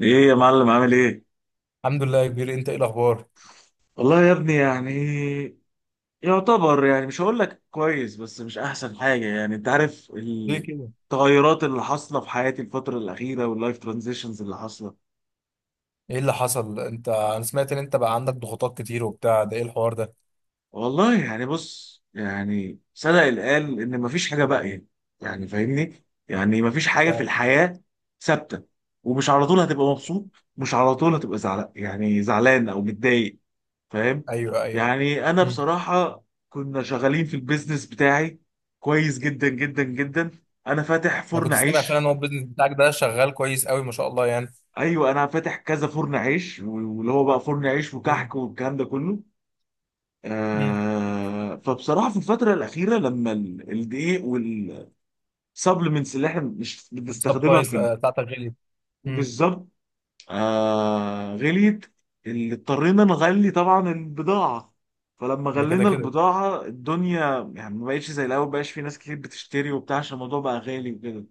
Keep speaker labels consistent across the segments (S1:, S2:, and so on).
S1: ايه يا معلم، عامل ايه؟
S2: الحمد لله يا كبير، انت ايه الاخبار؟
S1: والله يا ابني يعني يعتبر يعني، مش هقول لك كويس، بس مش احسن حاجه يعني، انت عارف
S2: ليه كده؟
S1: التغيرات اللي حاصله في حياتي الفتره الاخيره واللايف ترانزيشنز اللي حاصله.
S2: ايه اللي حصل؟ انت انا سمعت ان انت بقى عندك ضغوطات كتير وبتاع، ده ايه الحوار ده؟
S1: والله يعني بص، يعني صدق اللي قال ان مفيش حاجه باقيه يعني. يعني فاهمني، يعني مفيش حاجه في
S2: فعلا.
S1: الحياه ثابته. ومش على طول هتبقى مبسوط، مش على طول هتبقى زعلان، يعني زعلان او متضايق. فاهم.
S2: ايوه، ايوه.
S1: يعني انا
S2: مم.
S1: بصراحه كنا شغالين في البيزنس بتاعي كويس جدا جدا جدا. انا فاتح
S2: انا
S1: فرن
S2: كنت سامع فعلا
S1: عيش.
S2: ان هو البيزنس بتاعك ده شغال كويس قوي، ما شاء الله يعني.
S1: ايوه، انا فاتح كذا فرن عيش، واللي هو بقى فرن عيش
S2: ايه.
S1: وكحك والكلام ده كله.
S2: مم.
S1: آه فبصراحه في الفتره الاخيره لما الدقيق والسبلمنتس اللي احنا مش بنستخدمها
S2: والسبلايز
S1: في
S2: بتاعتك غليت. مم.
S1: بالظبط. غليت، اللي اضطرينا نغلي طبعا البضاعة. فلما
S2: ده كده
S1: غلينا
S2: كده.
S1: البضاعة، الدنيا يعني ما بقتش زي الأول، مبقاش في ناس كتير بتشتري وبتاع، عشان الموضوع بقى غالي وكده.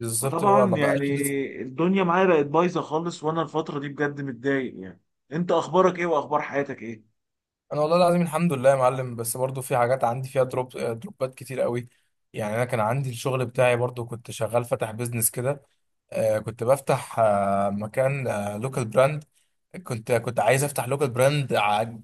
S2: بالظبط، اللي هو
S1: فطبعا
S2: ما
S1: يعني
S2: بقاش لسه.
S1: الدنيا معايا بقت بايظة خالص، وأنا الفترة دي بجد متضايق يعني. أنت أخبارك إيه وأخبار حياتك إيه؟
S2: انا والله العظيم الحمد لله يا معلم، بس برضو في حاجات عندي فيها دروب، دروبات كتير قوي. يعني انا كان عندي الشغل بتاعي، برضو كنت شغال فاتح بيزنس كده. كنت بفتح مكان. لوكال براند. كنت عايز افتح لوكال براند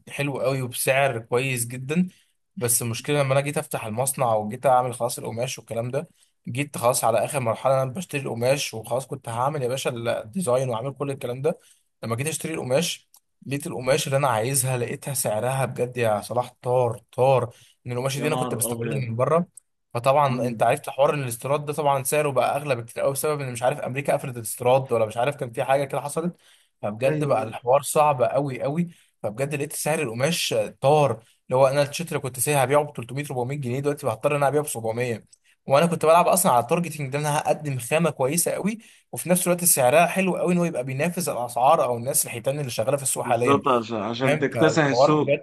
S2: حلو قوي وبسعر كويس جدا. بس المشكله لما انا جيت افتح المصنع وجيت اعمل خلاص القماش والكلام ده، جيت خلاص على اخر مرحله، انا بشتري القماش وخلاص كنت هعمل يا باشا الديزاين وعامل كل الكلام ده. لما جيت اشتري القماش، لقيت القماش اللي انا عايزها، لقيتها سعرها بجد يا صلاح طار طار. ان القماش دي
S1: يا
S2: انا كنت
S1: نهار
S2: بستوردها
S1: أبيض.
S2: من بره. فطبعا
S1: مم.
S2: انت عرفت حوار إن الاستيراد ده طبعا سعره بقى اغلى بكتير قوي، بسبب ان مش عارف امريكا قفلت الاستيراد، ولا مش عارف كان في حاجه كده حصلت. فبجد
S1: ايوه
S2: بقى
S1: ايوه.
S2: الحوار صعب قوي قوي. فبجد لقيت سعر القماش طار. اللي هو انا التيشيرت اللي كنت سايبها هبيعه ب 300 400 جنيه، دلوقتي هضطر ان انا ابيعه ب 700. وانا كنت بلعب اصلا على التارجتنج ده، انا هقدم خامه كويسه قوي، وفي نفس الوقت سعرها حلو قوي، ان هو يبقى بينافس الاسعار، او الناس الحيتان اللي شغاله في السوق حاليا.
S1: بالظبط، عشان
S2: فاهم؟
S1: تكتسح
S2: فالحوار،
S1: السوق.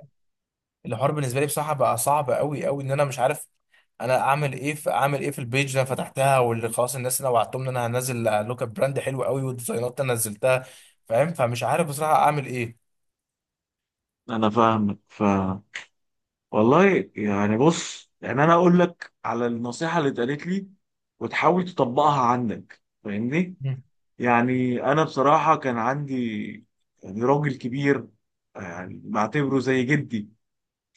S2: الحوار بالنسبه لي بصراحه بقى صعب قوي قوي. ان انا مش عارف انا اعمل ايه في، اعمل ايه في البيج اللي انا فتحتها، واللي خلاص الناس انا وعدتهم ان انا هنزل لوك اب براند حلو قوي والديزاينات انا نزلتها. فاهم؟ فمش عارف بصراحه اعمل ايه.
S1: أنا فاهمك، فاهم. والله يعني بص، يعني انا اقول لك على النصيحه اللي اتقالت لي، وتحاول تطبقها عندك فاهمني.
S2: مم.
S1: يعني انا بصراحه كان عندي يعني راجل كبير، يعني بعتبره زي جدي.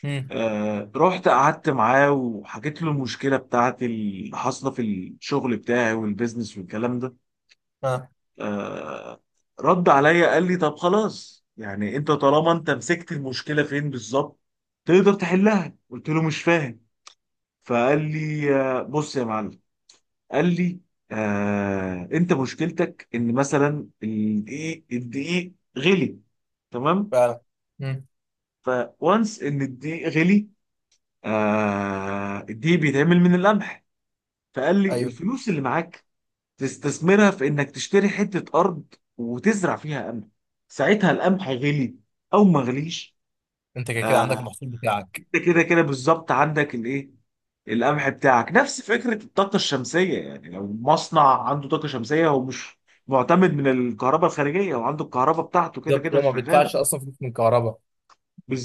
S2: مم.
S1: رحت قعدت معاه وحكيت له المشكله بتاعتي اللي حاصله في الشغل بتاعي والبيزنس والكلام ده.
S2: ها.
S1: آه رد عليا، قال لي طب خلاص يعني، انت طالما انت مسكت المشكله فين بالظبط، تقدر تحلها. قلت له مش فاهم. فقال لي بص يا معلم، قال لي انت مشكلتك ان مثلا الدقيق، غلي. تمام.
S2: ف مم.
S1: فوانس ان الدقيق غلي، الدقيق بيتعمل من القمح. فقال لي
S2: ايوه.
S1: الفلوس اللي معاك تستثمرها في انك تشتري حتة ارض وتزرع فيها قمح. ساعتها القمح غلي او ما غليش،
S2: انت كده كده
S1: آه
S2: عندك المحصول بتاعك.
S1: انت كده كده بالظبط عندك الايه، القمح بتاعك. نفس فكرة الطاقة الشمسية يعني، لو مصنع عنده طاقة شمسية هو مش معتمد من الكهرباء الخارجية، وعنده الكهرباء بتاعته كده
S2: بالظبط، هو
S1: كده
S2: ما
S1: شغالة.
S2: بيدفعش اصلا فلوس من الكهرباء.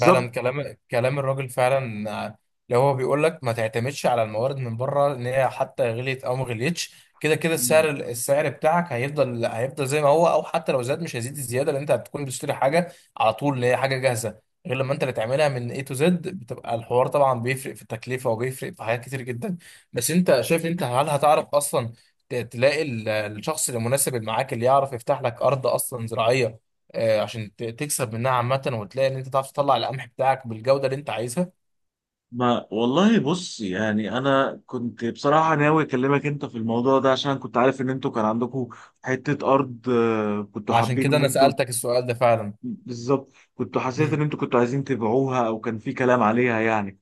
S2: فعلا، كلام كلام الراجل فعلا، اللي هو بيقول لك ما تعتمدش على الموارد من بره، ان هي حتى غليت او ما غليتش. كده كده السعر بتاعك هيفضل زي ما هو، او حتى لو زاد مش هيزيد الزياده، لان انت هتكون بتشتري حاجه على طول اللي هي حاجه جاهزه. غير لما انت اللي تعملها من A to Z، بتبقى الحوار طبعا بيفرق في التكلفه وبيفرق في حاجات كتير جدا. بس انت شايف، انت هل هتعرف اصلا تلاقي الشخص المناسب اللي معاك اللي يعرف يفتح لك ارض اصلا زراعيه؟ عشان تكسب منها عامة، وتلاقي ان انت تعرف تطلع القمح بتاعك بالجودة اللي انت عايزها.
S1: ما والله بص، يعني انا كنت بصراحة ناوي اكلمك انت في الموضوع ده، عشان كنت عارف ان انتوا كان عندكم حتة ارض، كنتوا
S2: عشان
S1: حابين
S2: كده
S1: ان
S2: انا
S1: انتوا.
S2: سألتك السؤال ده فعلا.
S1: بالظبط كنتوا، حسيت ان
S2: مم.
S1: انتوا كنتوا عايزين تبيعوها او كان في كلام عليها يعني.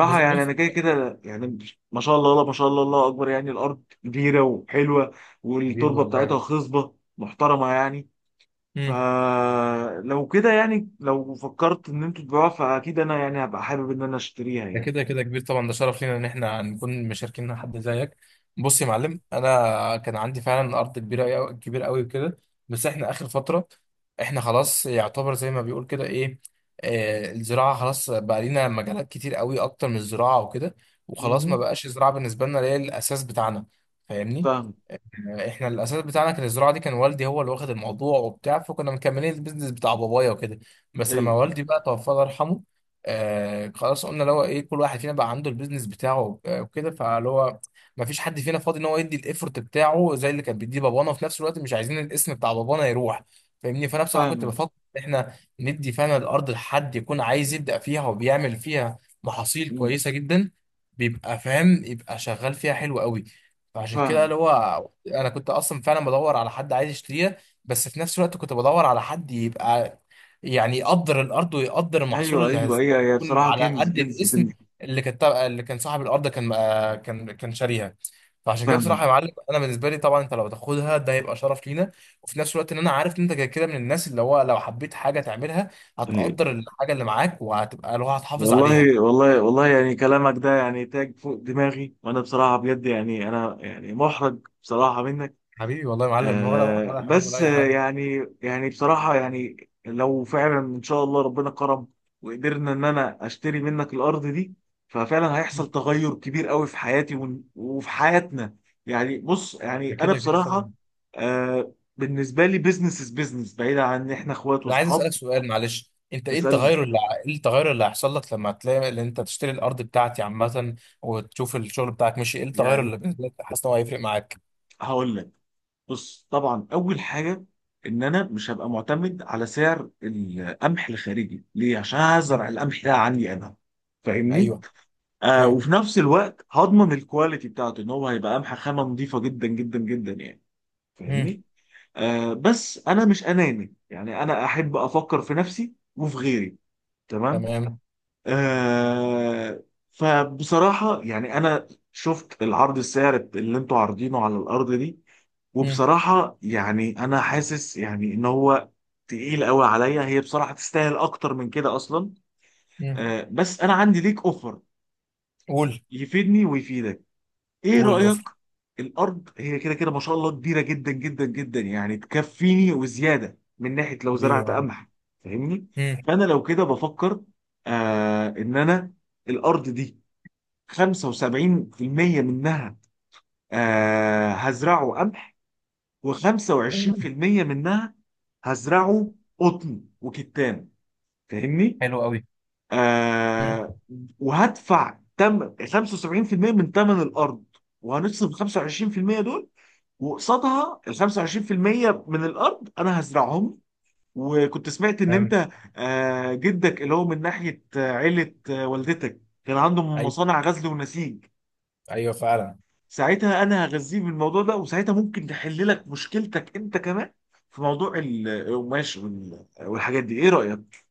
S2: بص
S1: يعني
S2: بص.
S1: انا كده كده يعني، ما شاء الله لا ما شاء الله، الله اكبر، يعني الارض كبيرة وحلوة،
S2: حبيبي
S1: والتربة
S2: والله.
S1: بتاعتها خصبة محترمة يعني.
S2: مم.
S1: فلو كده يعني، لو فكرت ان انتوا تبيعوها، فاكيد انا يعني هبقى حابب ان انا اشتريها
S2: ده
S1: يعني.
S2: كده كده كبير طبعا، ده شرف لينا ان احنا نكون مشاركين مع حد زيك. بص يا معلم، انا كان عندي فعلا ارض كبيرة، كبيرة قوي وكده. بس احنا اخر فترة، احنا خلاص يعتبر زي ما بيقول كده، ايه، آه، الزراعة خلاص، بقى لينا مجالات كتير قوي اكتر من الزراعة وكده. وخلاص ما
S1: مهم.
S2: بقاش الزراعة بالنسبة لنا اللي هي الاساس بتاعنا. فاهمني؟
S1: فاهم.
S2: احنا الاساس بتاعنا كان الزراعه دي، كان والدي هو اللي واخد الموضوع وبتاع، فكنا مكملين البيزنس بتاع بابايا وكده. بس لما
S1: ايوه،
S2: والدي بقى توفى الله يرحمه، آه خلاص قلنا اللي هو ايه، كل واحد فينا بقى عنده البيزنس بتاعه، وكده. فاللي هو ما فيش حد فينا فاضي ان هو يدي الايفورت بتاعه زي اللي كان بيديه بابانا، وفي نفس الوقت مش عايزين الاسم بتاع بابانا يروح. فاهمني؟ فانا بصراحه كنت
S1: فاهم.
S2: بفكر ان احنا ندي فعلا الارض لحد يكون عايز يبدا فيها وبيعمل فيها محاصيل كويسه جدا، بيبقى فاهم، يبقى شغال فيها حلو قوي. فعشان كده
S1: فاهم.
S2: اللي هو، انا كنت اصلا فعلا بدور على حد عايز يشتريها، بس في نفس الوقت كنت بدور على حد يبقى يعني يقدر الارض ويقدر المحصول
S1: ايوه
S2: اللي
S1: ايوه
S2: هيزرعه،
S1: ايوه، هي
S2: يكون
S1: بصراحة
S2: على
S1: كنز
S2: قد
S1: كنز
S2: الاسم
S1: كنز.
S2: اللي كان اللي كان صاحب الارض، كان كان شاريها. فعشان كده بصراحه
S1: فاهم.
S2: يا معلم، انا بالنسبه لي طبعا انت لو تاخدها، ده هيبقى شرف لينا. وفي نفس الوقت ان انا عارف ان انت كده كده من الناس اللي هو لو حبيت حاجه تعملها، هتقدر الحاجه اللي معاك وهتبقى اللي هو هتحافظ عليها.
S1: والله والله والله، يعني كلامك ده يعني تاج فوق دماغي، وانا بصراحه بجد يعني انا يعني محرج بصراحه منك.
S2: حبيبي والله يا معلم، ولا ولا حرج ولا
S1: بس
S2: اي حاجه.
S1: يعني يعني بصراحه يعني، لو فعلا ان شاء الله ربنا كرم، وقدرنا ان انا اشتري منك الارض دي، ففعلا هيحصل تغير كبير قوي في حياتي، وفي حياتنا يعني. بص يعني
S2: ده
S1: انا
S2: كده كده
S1: بصراحه،
S2: طبعا.
S1: بالنسبه لي بيزنس از بيزنس، بعيدا عن ان احنا اخوات
S2: انا عايز
S1: واصحاب.
S2: اسالك سؤال، معلش، انت ايه
S1: اسالني.
S2: التغير اللي ايه التغير اللي هيحصل لك لما تلاقي اللي انت تشتري الارض بتاعتي عامه، وتشوف الشغل بتاعك ماشي؟ ايه التغير
S1: يعني
S2: اللي بالنسبه لك حاسس ان هو هيفرق معاك؟
S1: هقول لك، بص طبعا اول حاجه، ان انا مش هبقى معتمد على سعر القمح الخارجي. ليه؟ عشان
S2: مم.
S1: هزرع القمح ده عندي انا، فاهمني.
S2: ايوه. اوكي.
S1: وفي نفس الوقت هضمن الكواليتي بتاعته، ان هو هيبقى قمح خامه نظيفه جدا جدا جدا يعني.
S2: مم.
S1: فاهمني. بس انا مش اناني يعني، انا احب افكر في نفسي وفي غيري. تمام.
S2: تمام.
S1: آه فبصراحه يعني انا شفت العرض، السعر اللي انتوا عارضينه على الارض دي،
S2: مم.
S1: وبصراحة يعني أنا حاسس يعني إن هو تقيل قوي عليا. هي بصراحة تستاهل أكتر من كده أصلا.
S2: مم.
S1: بس أنا عندي ليك أوفر،
S2: قول.
S1: يفيدني ويفيدك. إيه
S2: قول
S1: رأيك؟
S2: الاوفر.
S1: الأرض هي كده كده ما شاء الله كبيرة جدا جدا جدا يعني، تكفيني وزيادة، من ناحية لو
S2: حبيبي يا
S1: زرعت
S2: معلم.
S1: قمح فاهمني.
S2: مم.
S1: فأنا لو كده بفكر، إن أنا الأرض دي، 75% منها هزرعه قمح، و25%
S2: تمام.
S1: منها هزرعه قطن وكتان. فاهمني؟
S2: حلو قوي. مم.
S1: آه وهدفع تم 75% من ثمن الارض، وهنصرف 25% دول، وقصادها ال 25% من الارض انا هزرعهم. وكنت سمعت ان
S2: تمام.
S1: انت جدك اللي هو من ناحيه عيله والدتك، كان عندهم
S2: ايوه،
S1: مصانع غزل ونسيج.
S2: ايوه فعلا.
S1: ساعتها انا هغذيه بالموضوع ده، وساعتها ممكن تحل لك مشكلتك انت كمان في موضوع القماش والحاجات دي. ايه رأيك؟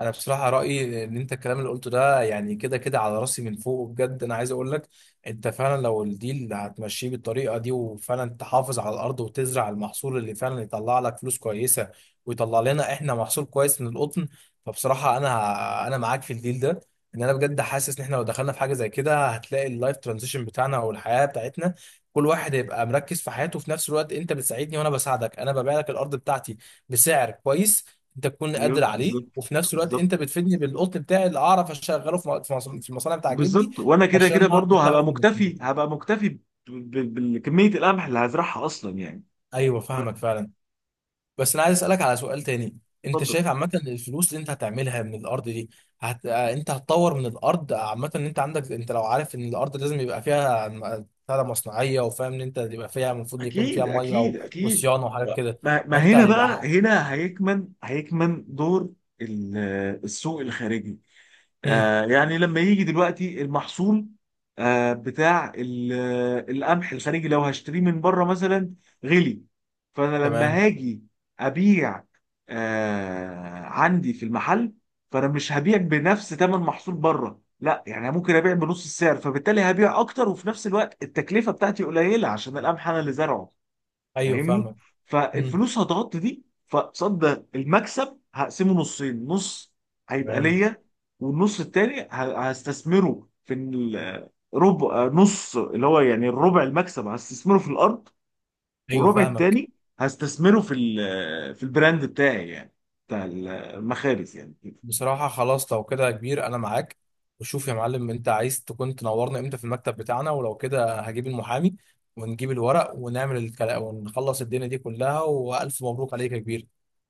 S2: انا بصراحه رايي ان انت الكلام اللي قلته ده، يعني كده كده على راسي من فوق، بجد انا عايز اقول لك، انت فعلا لو الديل هتمشيه بالطريقه دي، وفعلا تحافظ على الارض وتزرع المحصول اللي فعلا يطلع لك فلوس كويسه، ويطلع لنا احنا محصول كويس من القطن. فبصراحه انا معاك في الديل ده. ان انا بجد حاسس ان احنا لو دخلنا في حاجه زي كده، هتلاقي اللايف ترانزيشن بتاعنا او الحياه بتاعتنا، كل واحد هيبقى مركز في حياته. في نفس الوقت انت بتساعدني وانا بساعدك، انا ببيع لك الارض بتاعتي بسعر كويس انت تكون
S1: ايوه
S2: قادر عليه،
S1: بالظبط،
S2: وفي نفس الوقت
S1: بالظبط
S2: انت بتفيدني بالقطن بتاعي اللي اعرف اشغله في في المصانع بتاع جدي،
S1: بالظبط، وانا كده كده
S2: عشان اعرف
S1: برضو
S2: اشتغل
S1: هبقى
S2: احنا
S1: مكتفي،
S2: الاتنين.
S1: هبقى مكتفي بكمية القمح اللي هزرعها اصلا يعني.
S2: ايوه فاهمك فعلا. بس انا عايز اسالك على سؤال تاني. انت
S1: اتفضل.
S2: شايف عامه ان الفلوس اللي انت هتعملها من الارض دي هت... آه، انت هتطور من الارض عامه، ان انت عندك، انت لو عارف ان الارض لازم يبقى فيها بتاع ده مصنعيه، وفاهم ان انت يبقى فيها المفروض يكون فيها
S1: اكيد
S2: ميه
S1: اكيد اكيد،
S2: وصيانه وحاجات كده.
S1: ما, ما
S2: فانت
S1: هنا بقى،
S2: هيبقى.
S1: هنا هيكمن دور ال- السوق الخارجي.
S2: مم.
S1: يعني لما يجي دلوقتي المحصول بتاع القمح الخارجي، لو هشتريه من بره مثلا غلي، فانا لما
S2: تمام.
S1: هاجي ابيع عندي في المحل، فانا مش هبيع بنفس ثمن محصول بره، لا يعني ممكن ابيع بنص السعر، فبالتالي هبيع اكتر، وفي نفس الوقت التكلفه بتاعتي قليله عشان القمح انا اللي زرعه،
S2: ايوه
S1: فاهمني.
S2: فاهمك. مم.
S1: فالفلوس هتغطي دي، فقصاد ده المكسب هقسمه نصين. نص هيبقى
S2: تمام.
S1: ليا، والنص التاني هستثمره في ربع نص، اللي هو يعني الربع المكسب هستثمره في الارض،
S2: ايوه
S1: والربع
S2: فاهمك.
S1: التاني هستثمره في في البراند بتاعي يعني، بتاع المخابز يعني كده.
S2: بصراحة خلاص لو كده يا كبير، أنا معاك. وشوف يا معلم، أنت عايز تكون تنورنا إمتى في المكتب بتاعنا؟ ولو كده هجيب المحامي ونجيب الورق ونعمل الكلام ونخلص الدنيا دي كلها، وألف مبروك عليك يا كبير.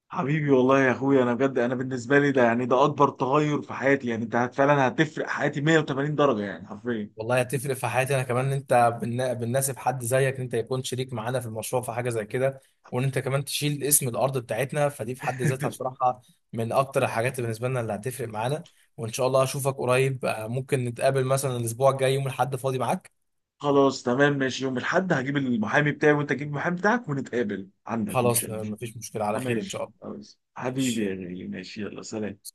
S1: حبيبي والله يا اخويا، انا بجد انا بالنسبه لي ده يعني ده اكبر تغير في حياتي يعني، انت فعلا هتفرق حياتي 180 درجه يعني حرفيا.
S2: والله هتفرق في حياتي أنا كمان، إن أنت بالناسب حد زيك، إن أنت يكون شريك معانا في المشروع في حاجة زي كده، وإن أنت كمان تشيل اسم الأرض بتاعتنا، فدي في حد ذاتها بصراحة من أكتر الحاجات بالنسبة لنا اللي هتفرق معانا. وإن شاء الله أشوفك قريب. ممكن نتقابل مثلا الأسبوع الجاي يوم الأحد، فاضي معاك؟
S1: خلاص تمام ماشي، يوم الاحد هجيب المحامي بتاعي وانت تجيب المحامي بتاعك ونتقابل عندك، مفيش
S2: خلاص،
S1: أي مشكلة.
S2: مفيش مشكلة، على خير إن شاء
S1: ماشي
S2: الله.
S1: خلاص حبيبي يا
S2: ماشي.
S1: غالي، ماشي، يلا سلام.